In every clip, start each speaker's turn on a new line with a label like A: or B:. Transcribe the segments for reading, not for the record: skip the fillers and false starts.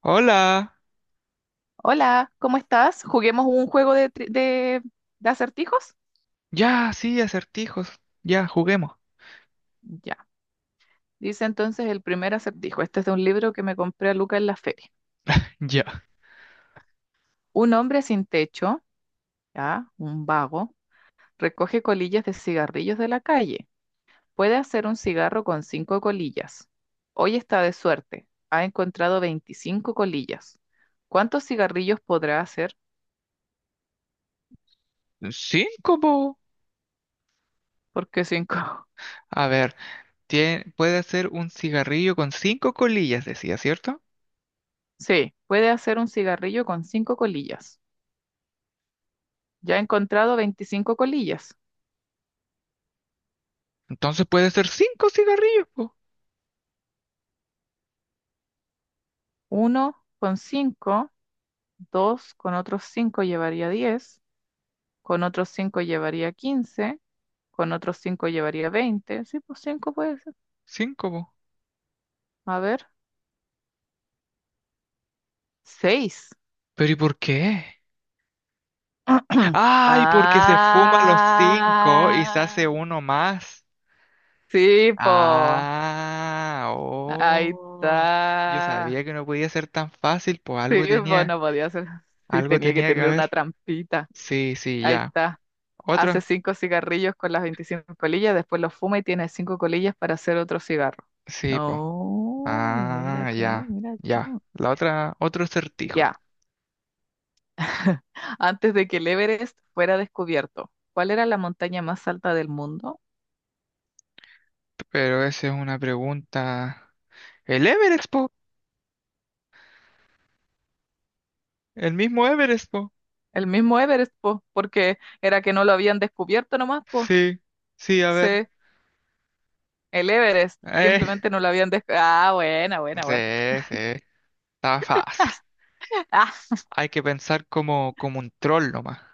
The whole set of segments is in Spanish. A: Hola.
B: Hola, ¿cómo estás? ¿Juguemos un juego de acertijos?
A: Ya, sí, acertijos. Ya, juguemos.
B: Ya. Dice entonces el primer acertijo. Este es de un libro que me compré a Luca en la feria.
A: Ya.
B: Un hombre sin techo, ya, un vago, recoge colillas de cigarrillos de la calle. Puede hacer un cigarro con cinco colillas. Hoy está de suerte. Ha encontrado 25 colillas. ¿Cuántos cigarrillos podrá hacer?
A: Cinco, po.
B: ¿Por qué cinco?
A: A ver, puede ser un cigarrillo con cinco colillas, decía, ¿cierto?
B: Sí, puede hacer un cigarrillo con cinco colillas. Ya ha encontrado 25 colillas.
A: Entonces puede ser cinco cigarrillos, po.
B: Uno con 5, 2 con otros 5 llevaría 10, con otros 5 llevaría 15, con otros cinco llevaría 20. Sí, pues 5 puede ser.
A: Cinco, po.
B: A ver, seis.
A: ¿Pero y por qué? Ay, porque se fuma los cinco y se
B: Ah,
A: hace uno más.
B: sí, po.
A: Ah,
B: Ahí
A: oh. Yo sabía
B: está.
A: que no podía ser tan fácil, pues
B: Sí, po, no podía ser. Sí,
A: algo
B: tenía que
A: tenía que
B: tener una
A: haber.
B: trampita.
A: Sí, sí,
B: Ahí
A: ya.
B: está. Hace
A: Otro.
B: cinco cigarrillos con las 25 colillas, después los fuma y tiene cinco colillas para hacer otro cigarro.
A: Sí, pues.
B: No, mira
A: Ah,
B: tú,
A: ya,
B: mira
A: ya.
B: tú.
A: La otra, otro acertijo.
B: Ya, antes de que el Everest fuera descubierto, ¿cuál era la montaña más alta del mundo?
A: Pero esa es una pregunta. El Everest, po. El mismo Everest, po.
B: El mismo Everest, po, porque era que no lo habían descubierto nomás, po.
A: Sí, sí, a
B: Sí,
A: ver.
B: el Everest,
A: Eh,
B: simplemente no lo habían descubierto. Ah, buena,
A: sí,
B: buena, buena.
A: sí. Está fácil.
B: Ah,
A: Hay que pensar como, como un troll nomás.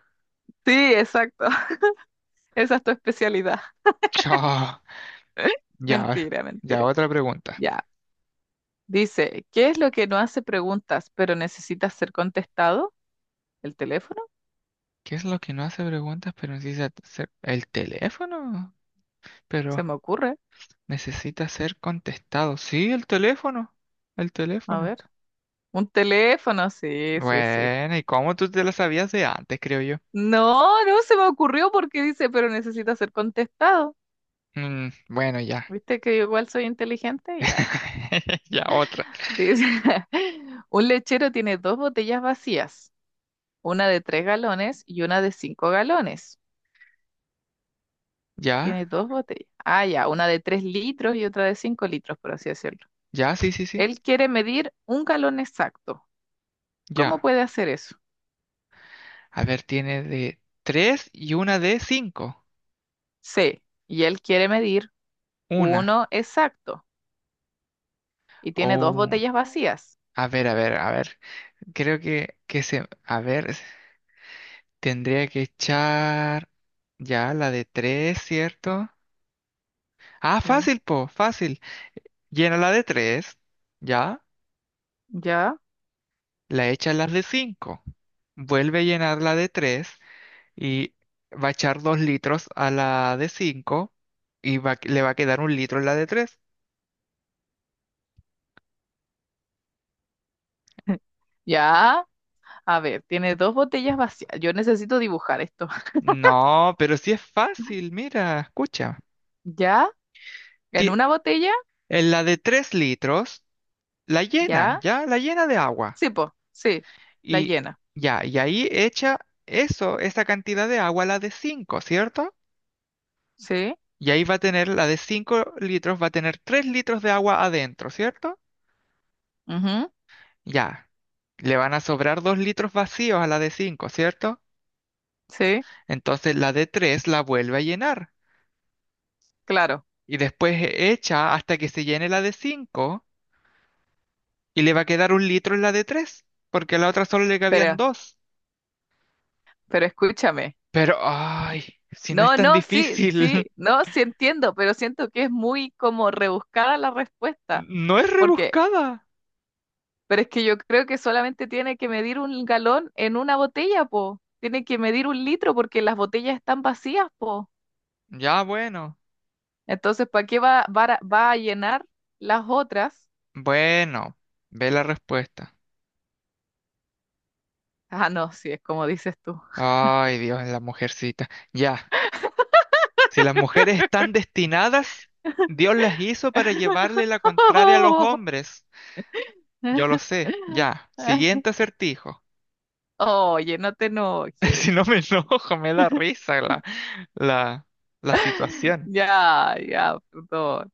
B: sí, exacto. Esa es tu especialidad.
A: Chao. Ya, a ver,
B: Mentira,
A: ya,
B: mentira.
A: otra pregunta.
B: Ya. Dice, ¿qué es lo que no hace preguntas, pero necesita ser contestado? ¿El teléfono?
A: ¿Qué es lo que no hace preguntas, pero necesita hacer el teléfono?
B: Se
A: Pero
B: me ocurre.
A: necesita ser contestado. Sí, el teléfono. El
B: A ver.
A: teléfono.
B: Un teléfono, sí, sí, sí.
A: Bueno, ¿y cómo tú te la sabías de antes, creo yo?
B: No, no se me ocurrió porque dice, pero necesita ser contestado.
A: Mm, bueno, ya.
B: ¿Viste que yo igual soy inteligente? Ya.
A: Ya, otra.
B: Dice, un lechero tiene dos botellas vacías, una de tres galones y una de cinco galones.
A: Ya,
B: Tiene dos botellas. Ah, ya, una de tres litros y otra de cinco litros, por así decirlo.
A: ya, sí, sí, sí.
B: Él quiere medir un galón exacto. ¿Cómo
A: Ya.
B: puede hacer eso?
A: A ver, tiene de tres y una de cinco.
B: C. Y él quiere medir
A: Una.
B: uno exacto y tiene dos
A: Oh,
B: botellas vacías.
A: a ver, a ver, a ver. Creo que se. A ver, tendría que echar. Ya, la de tres, ¿cierto? Ah,
B: Sí.
A: fácil, po, fácil. Llena la de tres. Ya.
B: ¿Ya?
A: La echa la de cinco. Vuelve a llenar la de tres. Y va a echar dos litros a la de cinco y le va a quedar un litro en la de tres.
B: Ya. A ver, tiene dos botellas vacías. Yo necesito dibujar esto.
A: No, pero sí es fácil, mira, escucha.
B: ¿Ya? ¿En
A: Ti-
B: una botella?
A: En la de tres litros, la llena,
B: ¿Ya?
A: ya, la llena de agua.
B: Sí, po. Sí. La
A: Y
B: llena.
A: ya, y ahí echa eso, esa cantidad de agua a la de cinco, ¿cierto?
B: Sí.
A: Y ahí va a tener la de cinco litros, va a tener tres litros de agua adentro, ¿cierto?
B: Ujú.
A: Ya. Le van a sobrar dos litros vacíos a la de cinco, ¿cierto?
B: Sí.
A: Entonces la de 3 la vuelve a llenar
B: Claro.
A: y después echa hasta que se llene la de 5 y le va a quedar un litro en la de tres porque a la otra solo le cabían
B: Pero,
A: dos.
B: pero escúchame.
A: Pero, ay, si no es
B: No,
A: tan
B: no, sí,
A: difícil,
B: sí. No, sí entiendo, pero siento que es muy como rebuscada la respuesta.
A: no es
B: Porque
A: rebuscada.
B: Pero es que yo creo que solamente tiene que medir un galón en una botella, po. Tiene que medir un litro porque las botellas están vacías, po.
A: Ya, bueno,
B: Entonces, ¿para qué va a llenar las otras?
A: bueno, ve la respuesta.
B: Ah, no, sí, es como dices tú.
A: Ay, Dios, la mujercita. Ya, si las mujeres están destinadas, Dios las hizo para llevarle la contraria a los hombres. Yo lo sé, ya. Siguiente acertijo.
B: Oye, no te enojes.
A: Si no me enojo, me da risa la, la, la situación.
B: Ya, ya, perdón.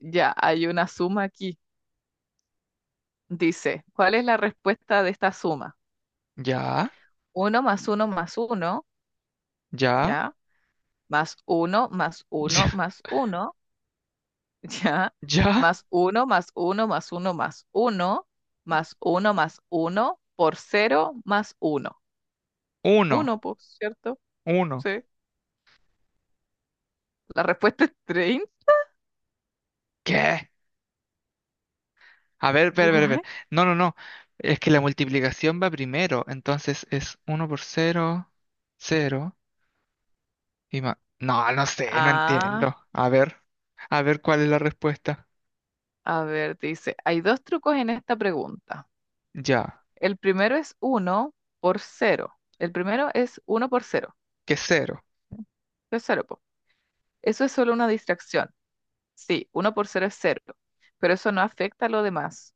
B: Ya, hay una suma aquí. Dice, ¿cuál es la respuesta de esta suma?
A: Ya,
B: Uno más uno más uno,
A: ya,
B: ¿ya? Más uno, más
A: ya,
B: uno, más uno, ¿ya?
A: ya.
B: Más uno, más uno, más uno, más uno, más uno, más uno, por cero, más uno.
A: Uno,
B: Uno, pues, ¿cierto?
A: uno.
B: Sí. La respuesta es 30.
A: ¿Qué? A ver, ver, ver,
B: Guay.
A: ver. No, no, no. Es que la multiplicación va primero. Entonces es uno por cero, cero y más. No, no sé, no
B: Ah,
A: entiendo. A ver cuál es la respuesta.
B: a ver, dice, hay dos trucos en esta pregunta.
A: Ya,
B: El primero es uno por cero. El primero es uno por cero.
A: que cero.
B: Es cero, po. Eso es solo una distracción. Sí, uno por cero es cero, pero eso no afecta a lo demás.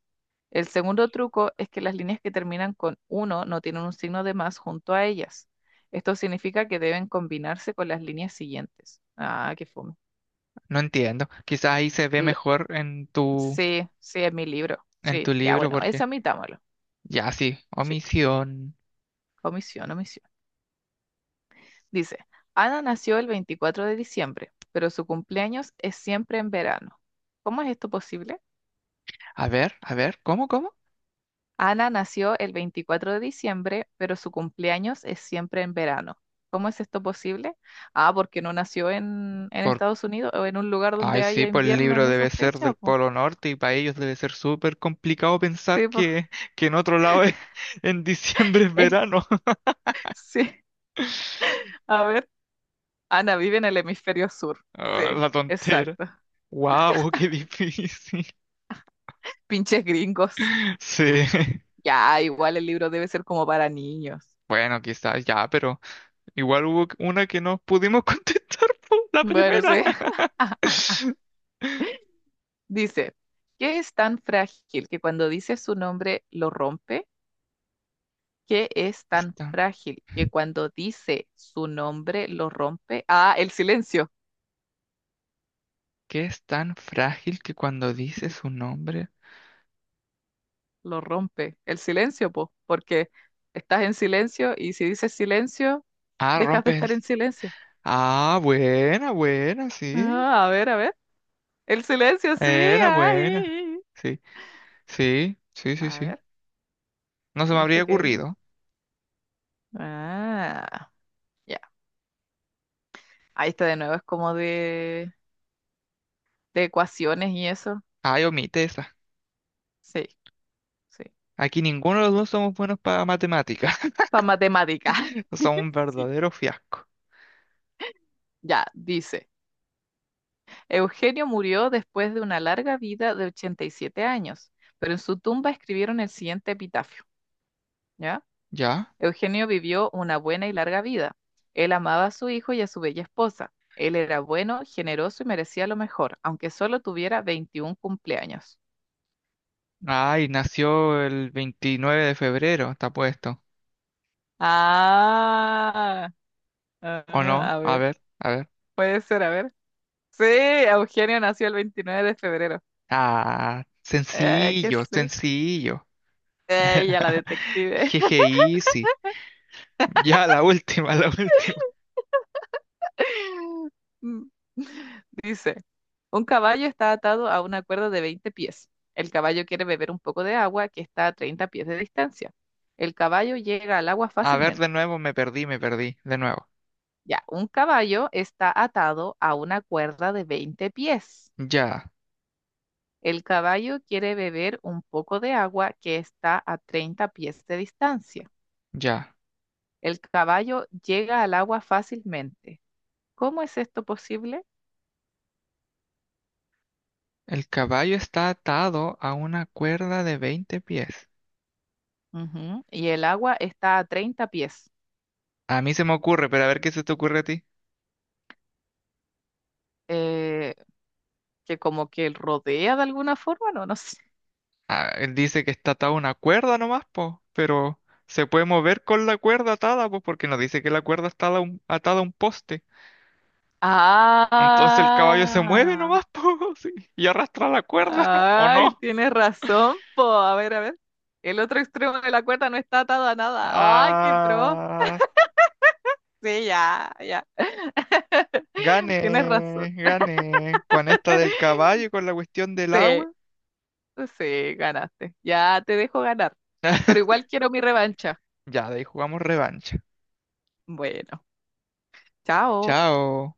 B: El segundo truco es que las líneas que terminan con uno no tienen un signo de más junto a ellas. Esto significa que deben combinarse con las líneas siguientes. Ah, qué fome.
A: No entiendo. Quizás ahí se ve
B: L-
A: mejor
B: sí, sí, es mi libro.
A: en tu
B: Sí, ya
A: libro
B: bueno,
A: porque
B: eso admitámoslo.
A: ya sí,
B: Sí,
A: omisión.
B: omisión, omisión. Dice, Ana nació el 24 de diciembre, pero su cumpleaños es siempre en verano. ¿Cómo es esto posible?
A: A ver, ¿cómo, cómo?
B: Ana nació el 24 de diciembre, pero su cumpleaños es siempre en verano. ¿Cómo es esto posible? Ah, porque no nació en
A: Por...
B: Estados Unidos o en un lugar
A: Ay,
B: donde
A: sí,
B: haya
A: pues el
B: invierno
A: libro
B: en
A: debe
B: esa
A: ser
B: fecha,
A: del
B: po.
A: Polo Norte y para ellos debe ser súper complicado pensar
B: Sí, po.
A: que en otro lado en diciembre es verano.
B: Sí. A ver, Ana vive en el hemisferio sur.
A: Ah,
B: Sí,
A: la tontera.
B: exacto.
A: ¡Wow! ¡Qué difícil!
B: Pinches gringos.
A: Sí.
B: Ya, igual el libro debe ser como para niños.
A: Bueno, quizás ya, pero igual hubo una que no pudimos contestar por la
B: Bueno, sí.
A: primera.
B: Dice, ¿qué es tan frágil que cuando dice su nombre lo rompe? Que es
A: Es
B: tan
A: tan-
B: frágil que cuando dice su nombre lo rompe. Ah, el silencio,
A: ¿Qué es tan frágil que cuando dices un nombre...
B: lo rompe. El silencio, po, porque estás en silencio y si dices silencio,
A: Ah,
B: dejas de
A: rompes el...
B: estar en silencio.
A: Ah, buena, buena, sí.
B: Ah, a ver, a ver. El silencio, sí.
A: Era buena.
B: Ay.
A: Sí, sí, sí, sí,
B: A
A: sí.
B: ver,
A: No se me habría
B: ¿viste que?
A: ocurrido.
B: Ah, ya. Ahí está de nuevo, es como de ecuaciones y eso.
A: Ay, omite esa.
B: Sí, sí.
A: Aquí ninguno de los dos somos buenos para matemáticas.
B: Para matemática.
A: Somos un
B: Sí,
A: verdadero fiasco.
B: ya, dice. Eugenio murió después de una larga vida de 87 años, pero en su tumba escribieron el siguiente epitafio, ¿ya?
A: ¿Ya?
B: Eugenio vivió una buena y larga vida. Él amaba a su hijo y a su bella esposa. Él era bueno, generoso y merecía lo mejor, aunque solo tuviera 21 cumpleaños.
A: Ay, nació el 29 de febrero, está puesto.
B: Ah,
A: ¿O
B: ah,
A: no?
B: a
A: A
B: ver,
A: ver, a ver.
B: puede ser, a ver. Sí, Eugenio nació el 29 de febrero.
A: Ah,
B: Qué
A: sencillo,
B: sé.
A: sencillo.
B: Ya la detective.
A: Jeje, easy. Ya, la última, la última.
B: Mm. Dice, un caballo está atado a una cuerda de 20 pies. El caballo quiere beber un poco de agua que está a 30 pies de distancia. El caballo llega al agua
A: A ver,
B: fácilmente.
A: de nuevo, me perdí, me perdí. De nuevo.
B: Ya, un caballo está atado a una cuerda de 20 pies.
A: Ya,
B: El caballo quiere beber un poco de agua que está a 30 pies de distancia.
A: ya.
B: El caballo llega al agua fácilmente. ¿Cómo es esto posible?
A: El caballo está atado a una cuerda de 20 pies.
B: Ujú, y el agua está a 30 pies.
A: A mí se me ocurre, pero a ver qué se te ocurre a ti.
B: eh, que como que rodea de alguna forma, no, no sé.
A: Ah, él dice que está atado a una cuerda nomás, po, pero se puede mover con la cuerda atada, pues, porque nos dice que la cuerda está atada a un poste. Entonces el caballo se mueve
B: Ah,
A: nomás, po, sí, y arrastra la cuerda, ¿o
B: ay,
A: no?
B: tienes razón, po. A ver, a ver. El otro extremo de la cuerda no está atado a nada. Ay, qué pro.
A: Ah,
B: Sí, ya, ya. Tienes razón.
A: gané, gané. Con esta del caballo y con la cuestión del
B: Sí,
A: agua.
B: sí, ganaste. Ya te dejo ganar. Pero igual quiero mi revancha.
A: Ya, de ahí jugamos revancha.
B: Bueno, chao.
A: Chao.